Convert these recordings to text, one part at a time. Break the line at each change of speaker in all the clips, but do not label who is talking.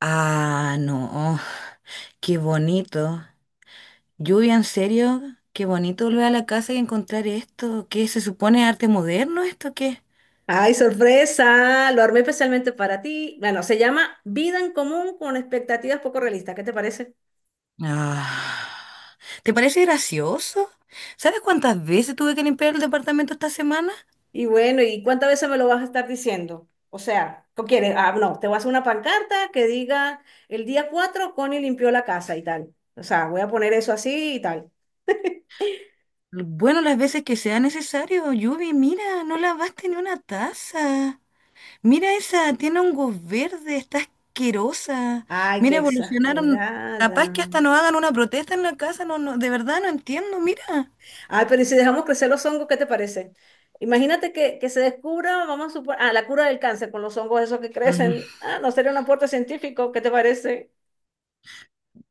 Ah, no, qué bonito. Lluvia, en serio, qué bonito volver a la casa y encontrar esto. ¿Qué se supone arte moderno esto? ¿Qué?
Ay, sorpresa, lo armé especialmente para ti. Bueno, se llama Vida en Común con expectativas poco realistas, ¿qué te parece?
Ah, ¿te parece gracioso? ¿Sabes cuántas veces tuve que limpiar el departamento esta semana?
Y bueno, ¿y cuántas veces me lo vas a estar diciendo? O sea, ¿qué quieres? Ah, no, te voy a hacer una pancarta que diga el día 4, Connie limpió la casa y tal. O sea, voy a poner eso así y tal.
Bueno, las veces que sea necesario. Lluvia, mira, no lavaste ni una taza. Mira esa, tiene hongos verdes, está asquerosa.
Ay, qué
Mira, evolucionaron.
exagerada.
Capaz que hasta nos hagan una protesta en la casa, no, no, de verdad no entiendo, mira.
Ay, pero ¿y si dejamos crecer los hongos, qué te parece? Imagínate que se descubra, vamos a suponer, ah, la cura del cáncer con los hongos esos que
Mm,
crecen. Ah, no sería un aporte científico, ¿qué te parece?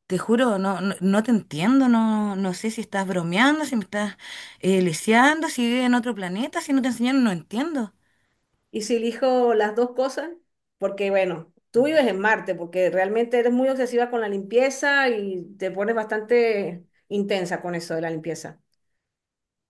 Te juro, no, no, no te entiendo, no, no sé si estás bromeando, si me estás lisiando, si vives en otro planeta, si no te enseñaron, no entiendo.
Y si elijo las dos cosas, porque bueno, tú vives en Marte, porque realmente eres muy obsesiva con la limpieza y te pones bastante intensa con eso de la limpieza.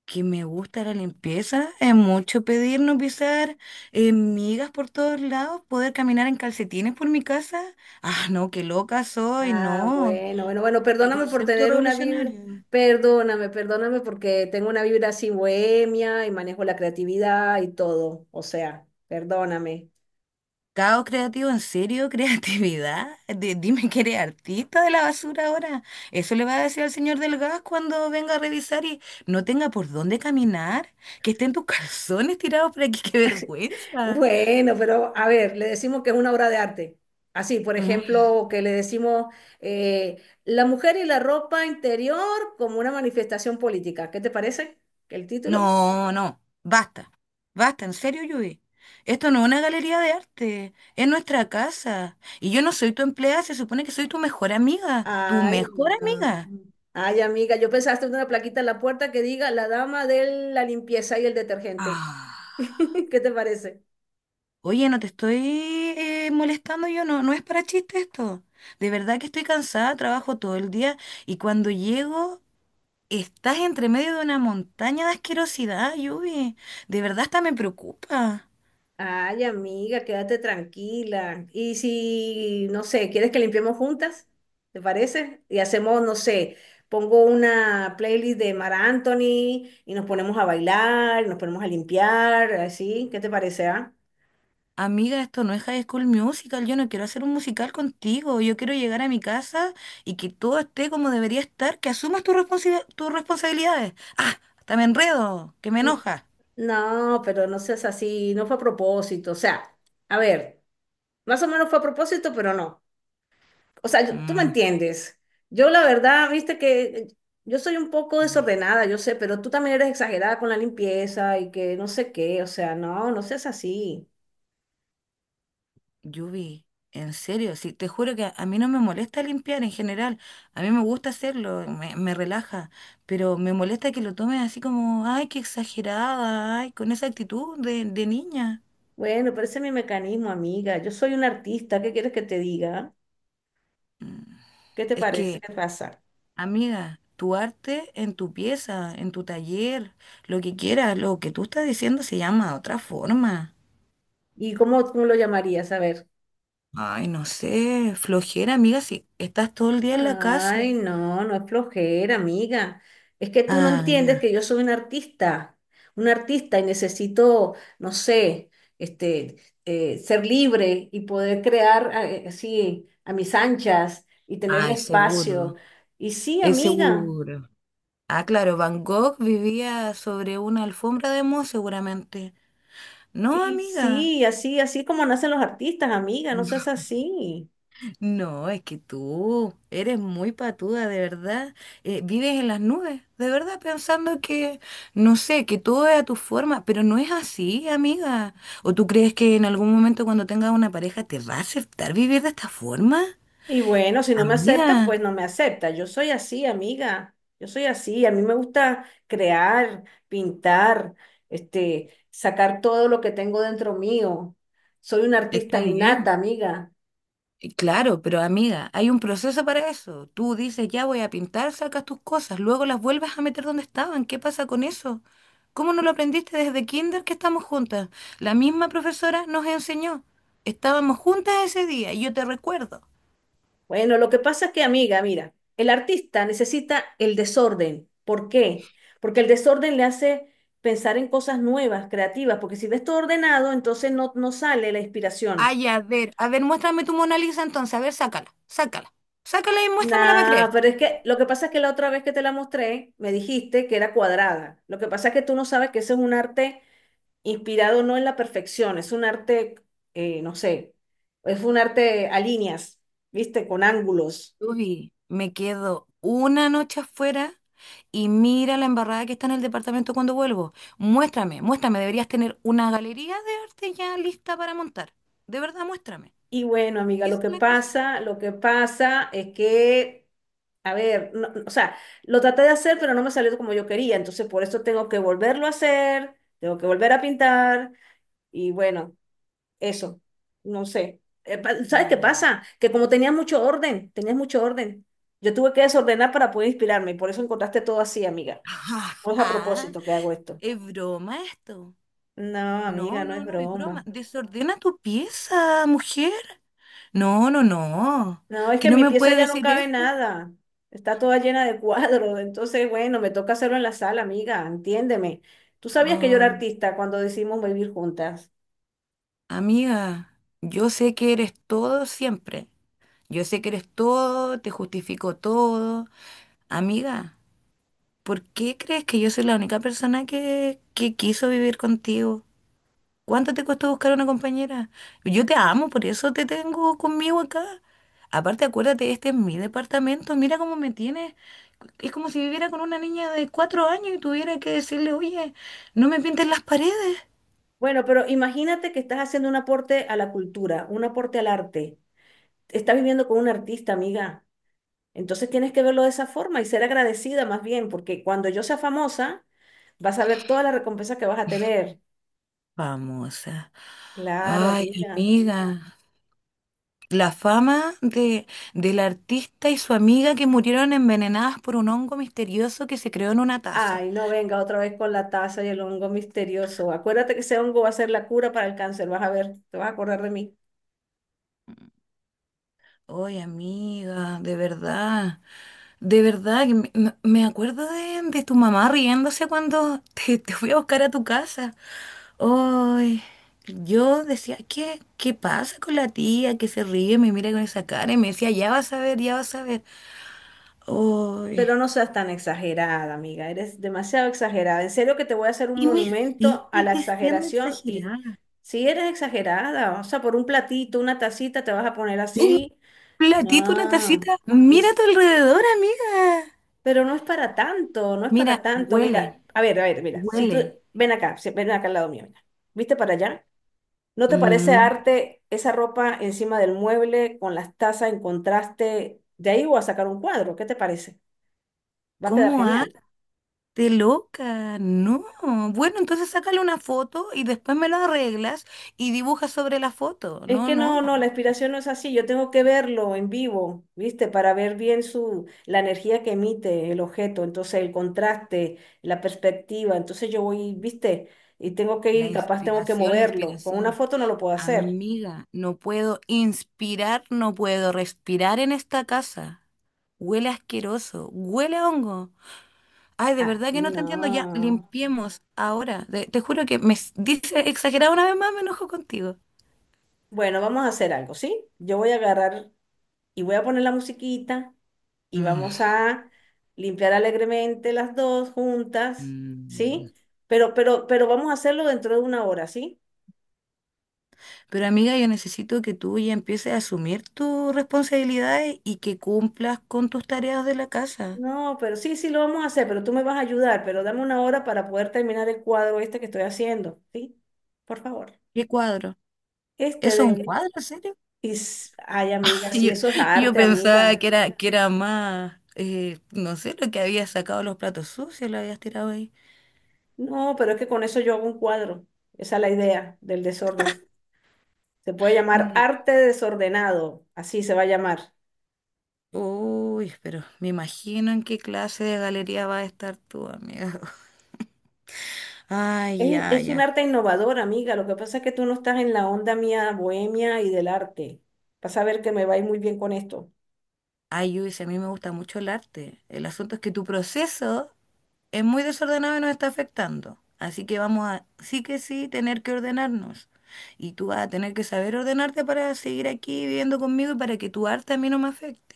Que me gusta la limpieza, es mucho pedir no pisar migas por todos lados, poder caminar en calcetines por mi casa. Ah, no, qué loca soy,
Ah,
no.
bueno, bueno, bueno,
¿Qué
perdóname por
concepto
tener una vibra,
revolucionario?
perdóname, perdóname porque tengo una vibra así bohemia y manejo la creatividad y todo, o sea, perdóname.
Caos creativo, ¿en serio? ¿Creatividad? Dime que eres artista de la basura ahora. Eso le va a decir al señor del gas cuando venga a revisar y no tenga por dónde caminar. Que estén tus calzones tirados por aquí, qué vergüenza.
Bueno, pero a ver, le decimos que es una obra de arte. Así, por
Mm,
ejemplo, que le decimos eh, la mujer y la ropa interior como una manifestación política. ¿Qué te parece el título?
No, no, basta. Basta, en serio, Yui. Esto no es una galería de arte, es nuestra casa. Y yo no soy tu empleada, se supone que soy tu mejor amiga. Tu
Ay,
mejor
no.
amiga.
Ay, amiga, yo pensaste en una plaquita en la puerta que diga la dama de la limpieza y el detergente.
Ah.
¿Qué te parece?
Oye, no te estoy molestando yo, no, no es para chiste esto. De verdad que estoy cansada, trabajo todo el día y cuando llego estás entre medio de una montaña de asquerosidad, Yubi. De verdad hasta me preocupa.
Ay, amiga, quédate tranquila. Y si, no sé, ¿quieres que limpiemos juntas? ¿Te parece? Y hacemos, no sé, pongo una playlist de Mar Anthony y nos ponemos a bailar, nos ponemos a limpiar, así. ¿Qué te parece, ah?
Amiga, esto no es High School Musical, yo no quiero hacer un musical contigo, yo quiero llegar a mi casa y que todo esté como debería estar, que asumas tus responsabilidades. Ah, hasta me enredo, que me
N-
enoja.
No, pero no seas así, no fue a propósito. O sea, a ver, más o menos fue a propósito, pero no. O sea, tú me entiendes. Yo la verdad, viste que yo soy un poco
Mm.
desordenada, yo sé, pero tú también eres exagerada con la limpieza y que no sé qué, o sea, no, no seas así.
Yubi, en serio, sí, te juro que a mí no me molesta limpiar en general, a mí me gusta hacerlo, me relaja, pero me molesta que lo tomes así como, ay, qué exagerada, ay, con esa actitud de niña.
Bueno, pero ese es mi mecanismo, amiga. Yo soy una artista, ¿qué quieres que te diga? ¿Qué te
Es
parece?
que,
¿Qué pasa?
amiga, tu arte en tu pieza, en tu taller, lo que quieras, lo que tú estás diciendo se llama de otra forma.
¿Y cómo, cómo lo llamarías? A ver.
Ay, no sé, flojera, amiga, si estás todo el día en la casa.
Ay, no, no es flojera, amiga. Es que tú no
Ah,
entiendes
ya.
que yo soy un artista y necesito, no sé, este, ser libre y poder crear así a mis anchas y tener el
Ay,
espacio.
seguro,
Y sí,
es
amiga,
seguro. Ah, claro, Van Gogh vivía sobre una alfombra de moho seguramente. No,
y
amiga.
sí, así, así como nacen los artistas, amiga, no seas así.
No, es que tú eres muy patuda, de verdad. Vives en las nubes, de verdad, pensando que, no sé, que todo es a tu forma, pero no es así, amiga. ¿O tú crees que en algún momento cuando tengas una pareja te va a aceptar vivir de esta forma?
Y bueno, si no me acepta,
Amiga,
pues no me acepta. Yo soy así, amiga. Yo soy así. A mí me gusta crear, pintar, sacar todo lo que tengo dentro mío. Soy una artista
está bien.
innata, amiga.
Y claro, pero amiga, hay un proceso para eso. Tú dices, ya voy a pintar, sacas tus cosas, luego las vuelves a meter donde estaban. ¿Qué pasa con eso? ¿Cómo no lo aprendiste desde kinder que estamos juntas? La misma profesora nos enseñó. Estábamos juntas ese día y yo te recuerdo.
Bueno, lo que pasa es que, amiga, mira, el artista necesita el desorden. ¿Por qué? Porque el desorden le hace pensar en cosas nuevas, creativas, porque si ves todo ordenado, entonces no, no sale la inspiración.
Ay, a ver, muéstrame tu Mona Lisa entonces. A ver, sácala, sácala. Sácala y muéstramela para
Nah,
creerte.
pero es que lo que pasa es que la otra vez que te la mostré, me dijiste que era cuadrada. Lo que pasa es que tú no sabes que ese es un arte inspirado no en la perfección, es un arte, no sé, es un arte a líneas, ¿viste? Con ángulos.
Uy, me quedo una noche afuera y mira la embarrada que está en el departamento cuando vuelvo. Muéstrame, muéstrame, deberías tener una galería de arte ya lista para montar. De verdad, muéstrame.
Y bueno, amiga,
¿Qué es la cosa?
lo que pasa es que, a ver, o sea, lo traté de hacer, pero no me salió como yo quería, entonces por eso tengo que volverlo a hacer, tengo que volver a pintar, y bueno. Eso, no sé. ¿Sabes qué
No.
pasa? Que como tenías mucho orden, tenías mucho orden. Yo tuve que desordenar para poder inspirarme y por eso encontraste todo así, amiga. No es a propósito que hago esto.
¿Es broma esto?
No, amiga,
No,
no es
no, no, es broma.
broma.
Desordena tu pieza, mujer. No, no, no.
No, es
Que
que en
no
mi
me
pieza
puedes
ya no
decir
cabe
eso.
nada. Está toda llena de cuadros. Entonces, bueno, me toca hacerlo en la sala, amiga. Entiéndeme. Tú sabías que yo era
Oh,
artista cuando decidimos vivir juntas.
amiga, yo sé que eres todo siempre. Yo sé que eres todo, te justifico todo. Amiga. ¿Por qué crees que yo soy la única persona que quiso vivir contigo? ¿Cuánto te costó buscar una compañera? Yo te amo, por eso te tengo conmigo acá. Aparte, acuérdate, este es mi departamento, mira cómo me tienes. Es como si viviera con una niña de cuatro años y tuviera que decirle, oye, no me pintes las paredes.
Bueno, pero imagínate que estás haciendo un aporte a la cultura, un aporte al arte. Estás viviendo con un artista, amiga. Entonces tienes que verlo de esa forma y ser agradecida más bien, porque cuando yo sea famosa, vas a ver toda la recompensa que vas a tener.
Famosa.
Claro,
Ay,
amiga.
amiga. La fama de, del artista y su amiga que murieron envenenadas por un hongo misterioso que se creó en una taza.
Ay, no venga otra vez con la taza y el hongo misterioso. Acuérdate que ese hongo va a ser la cura para el cáncer, vas a ver, te vas a acordar de mí.
Oye, amiga, de verdad, que me acuerdo de tu mamá riéndose cuando te fui a buscar a tu casa. Ay, yo decía, ¿qué, qué pasa con la tía que se ríe, me mira con esa cara y me decía, ya vas a ver, ya vas a ver. Ay,
Pero no seas tan exagerada, amiga, eres demasiado exagerada. En serio que te voy a hacer un
y me sigues
monumento a la
diciendo
exageración y
exagerada.
si eres exagerada, o sea, por un platito, una tacita, te vas a poner
Un
así.
platito, una
No.
tacita.
Y
Mira a tu
s-
alrededor, amiga.
Pero no es para tanto, no es para
Mira,
tanto. Mira,
huele,
a ver, mira, si tú,
huele.
ven acá, ven acá al lado mío, mira. ¿Viste para allá? ¿No te parece
Mm,
arte esa ropa encima del mueble con las tazas en contraste? De ahí voy a sacar un cuadro, ¿qué te parece? Va a quedar
¿Cómo ha?
genial.
De loca, no. Bueno, entonces sácale una foto y después me lo arreglas y dibuja sobre la foto.
Es
No,
que
no,
no, no, la
no.
inspiración no es así, yo tengo que verlo en vivo, ¿viste? Para ver bien su, la energía que emite el objeto, entonces el contraste, la perspectiva, entonces yo voy, ¿viste? Y tengo que ir
La
y capaz tengo que
inspiración, la
moverlo. Con una
inspiración.
foto no lo puedo hacer.
Amiga, no puedo inspirar, no puedo respirar en esta casa. Huele asqueroso, huele a hongo. Ay, de
Ah,
verdad que no te entiendo. Ya,
no.
limpiemos ahora. Te juro que dice exagerado una vez más, me enojo contigo.
Bueno, vamos a hacer algo, ¿sí? Yo voy a agarrar y voy a poner la musiquita y
Mm,
vamos a limpiar alegremente las dos juntas,
mm.
¿sí? Pero vamos a hacerlo dentro de una hora, ¿sí?
Pero amiga, yo necesito que tú ya empieces a asumir tus responsabilidades y que cumplas con tus tareas de la casa.
No, pero sí, sí lo vamos a hacer, pero tú me vas a ayudar, pero dame una hora para poder terminar el cuadro este que estoy haciendo, ¿sí? Por favor.
¿Qué cuadro?
Este
¿Eso es un
de...
cuadro, en serio?
Ay, amiga, sí,
Yo,
eso es
yo
arte,
pensaba
amiga.
que era más, no sé, lo que habías sacado los platos sucios, lo habías tirado ahí.
No, pero es que con eso yo hago un cuadro. Esa es la idea del desorden. Se puede llamar
No.
arte desordenado, así se va a llamar.
Uy, pero me imagino en qué clase de galería vas a estar tú, amiga. Ay, ya,
Es
ya.
un arte innovador, amiga. Lo que pasa es que tú no estás en la onda mía bohemia y del arte. Vas a ver que me va a ir muy bien con esto.
Ay, Luis, a mí me gusta mucho el arte. El asunto es que tu proceso es muy desordenado y nos está afectando. Así que vamos a, sí que sí, tener que ordenarnos. Y tú vas a tener que saber ordenarte para seguir aquí viviendo conmigo y para que tu arte a mí no me afecte.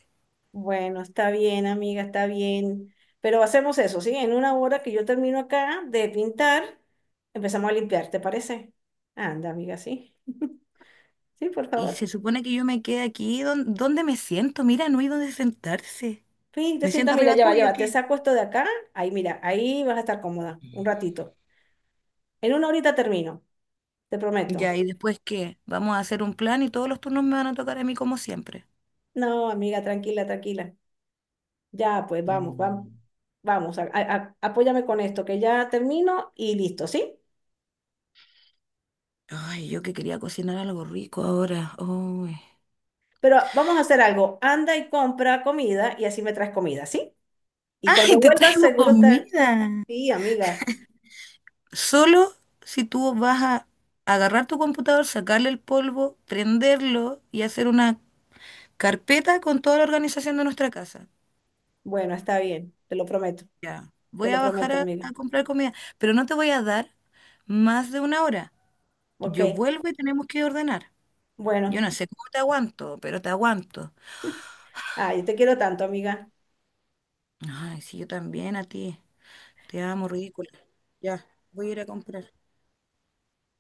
Bueno, está bien, amiga, está bien. Pero hacemos eso, ¿sí? En una hora que yo termino acá de pintar, empezamos a limpiar, ¿te parece? Anda, amiga, sí. Sí, por
Y
favor.
se supone que yo me quede aquí. Dónde, me siento? Mira, no hay dónde sentarse.
Sí, te
¿Me
sienta,
siento
mira,
arriba
ya va, ya
tuyo
va. Te
aquí?
saco esto de acá. Ahí, mira, ahí vas a estar cómoda un ratito. En una horita termino, te prometo.
Ya, ¿y después qué? Vamos a hacer un plan y todos los turnos me van a tocar a mí como siempre.
No, amiga, tranquila, tranquila. Ya, pues vamos, vamos,
Mm.
vamos, apóyame con esto, que ya termino y listo, ¿sí?
Ay, yo que quería cocinar algo rico ahora. Ay,
Pero vamos a hacer algo, anda y compra comida y así me traes comida, ¿sí? Y
ay,
cuando
te
vuelvas,
traigo
seguro está...
comida.
Sí, amiga.
Solo si tú vas a agarrar tu computador, sacarle el polvo, prenderlo y hacer una carpeta con toda la organización de nuestra casa.
Bueno, está bien,
Ya,
te
voy
lo
a bajar
prometo, amiga.
a comprar comida, pero no te voy a dar más de una hora.
Ok,
Yo vuelvo y tenemos que ordenar. Yo
bueno.
no sé cómo te aguanto, pero te aguanto.
Ay, te quiero tanto, amiga.
Ay, si yo también a ti. Te amo, ridícula. Ya, voy a ir a comprar.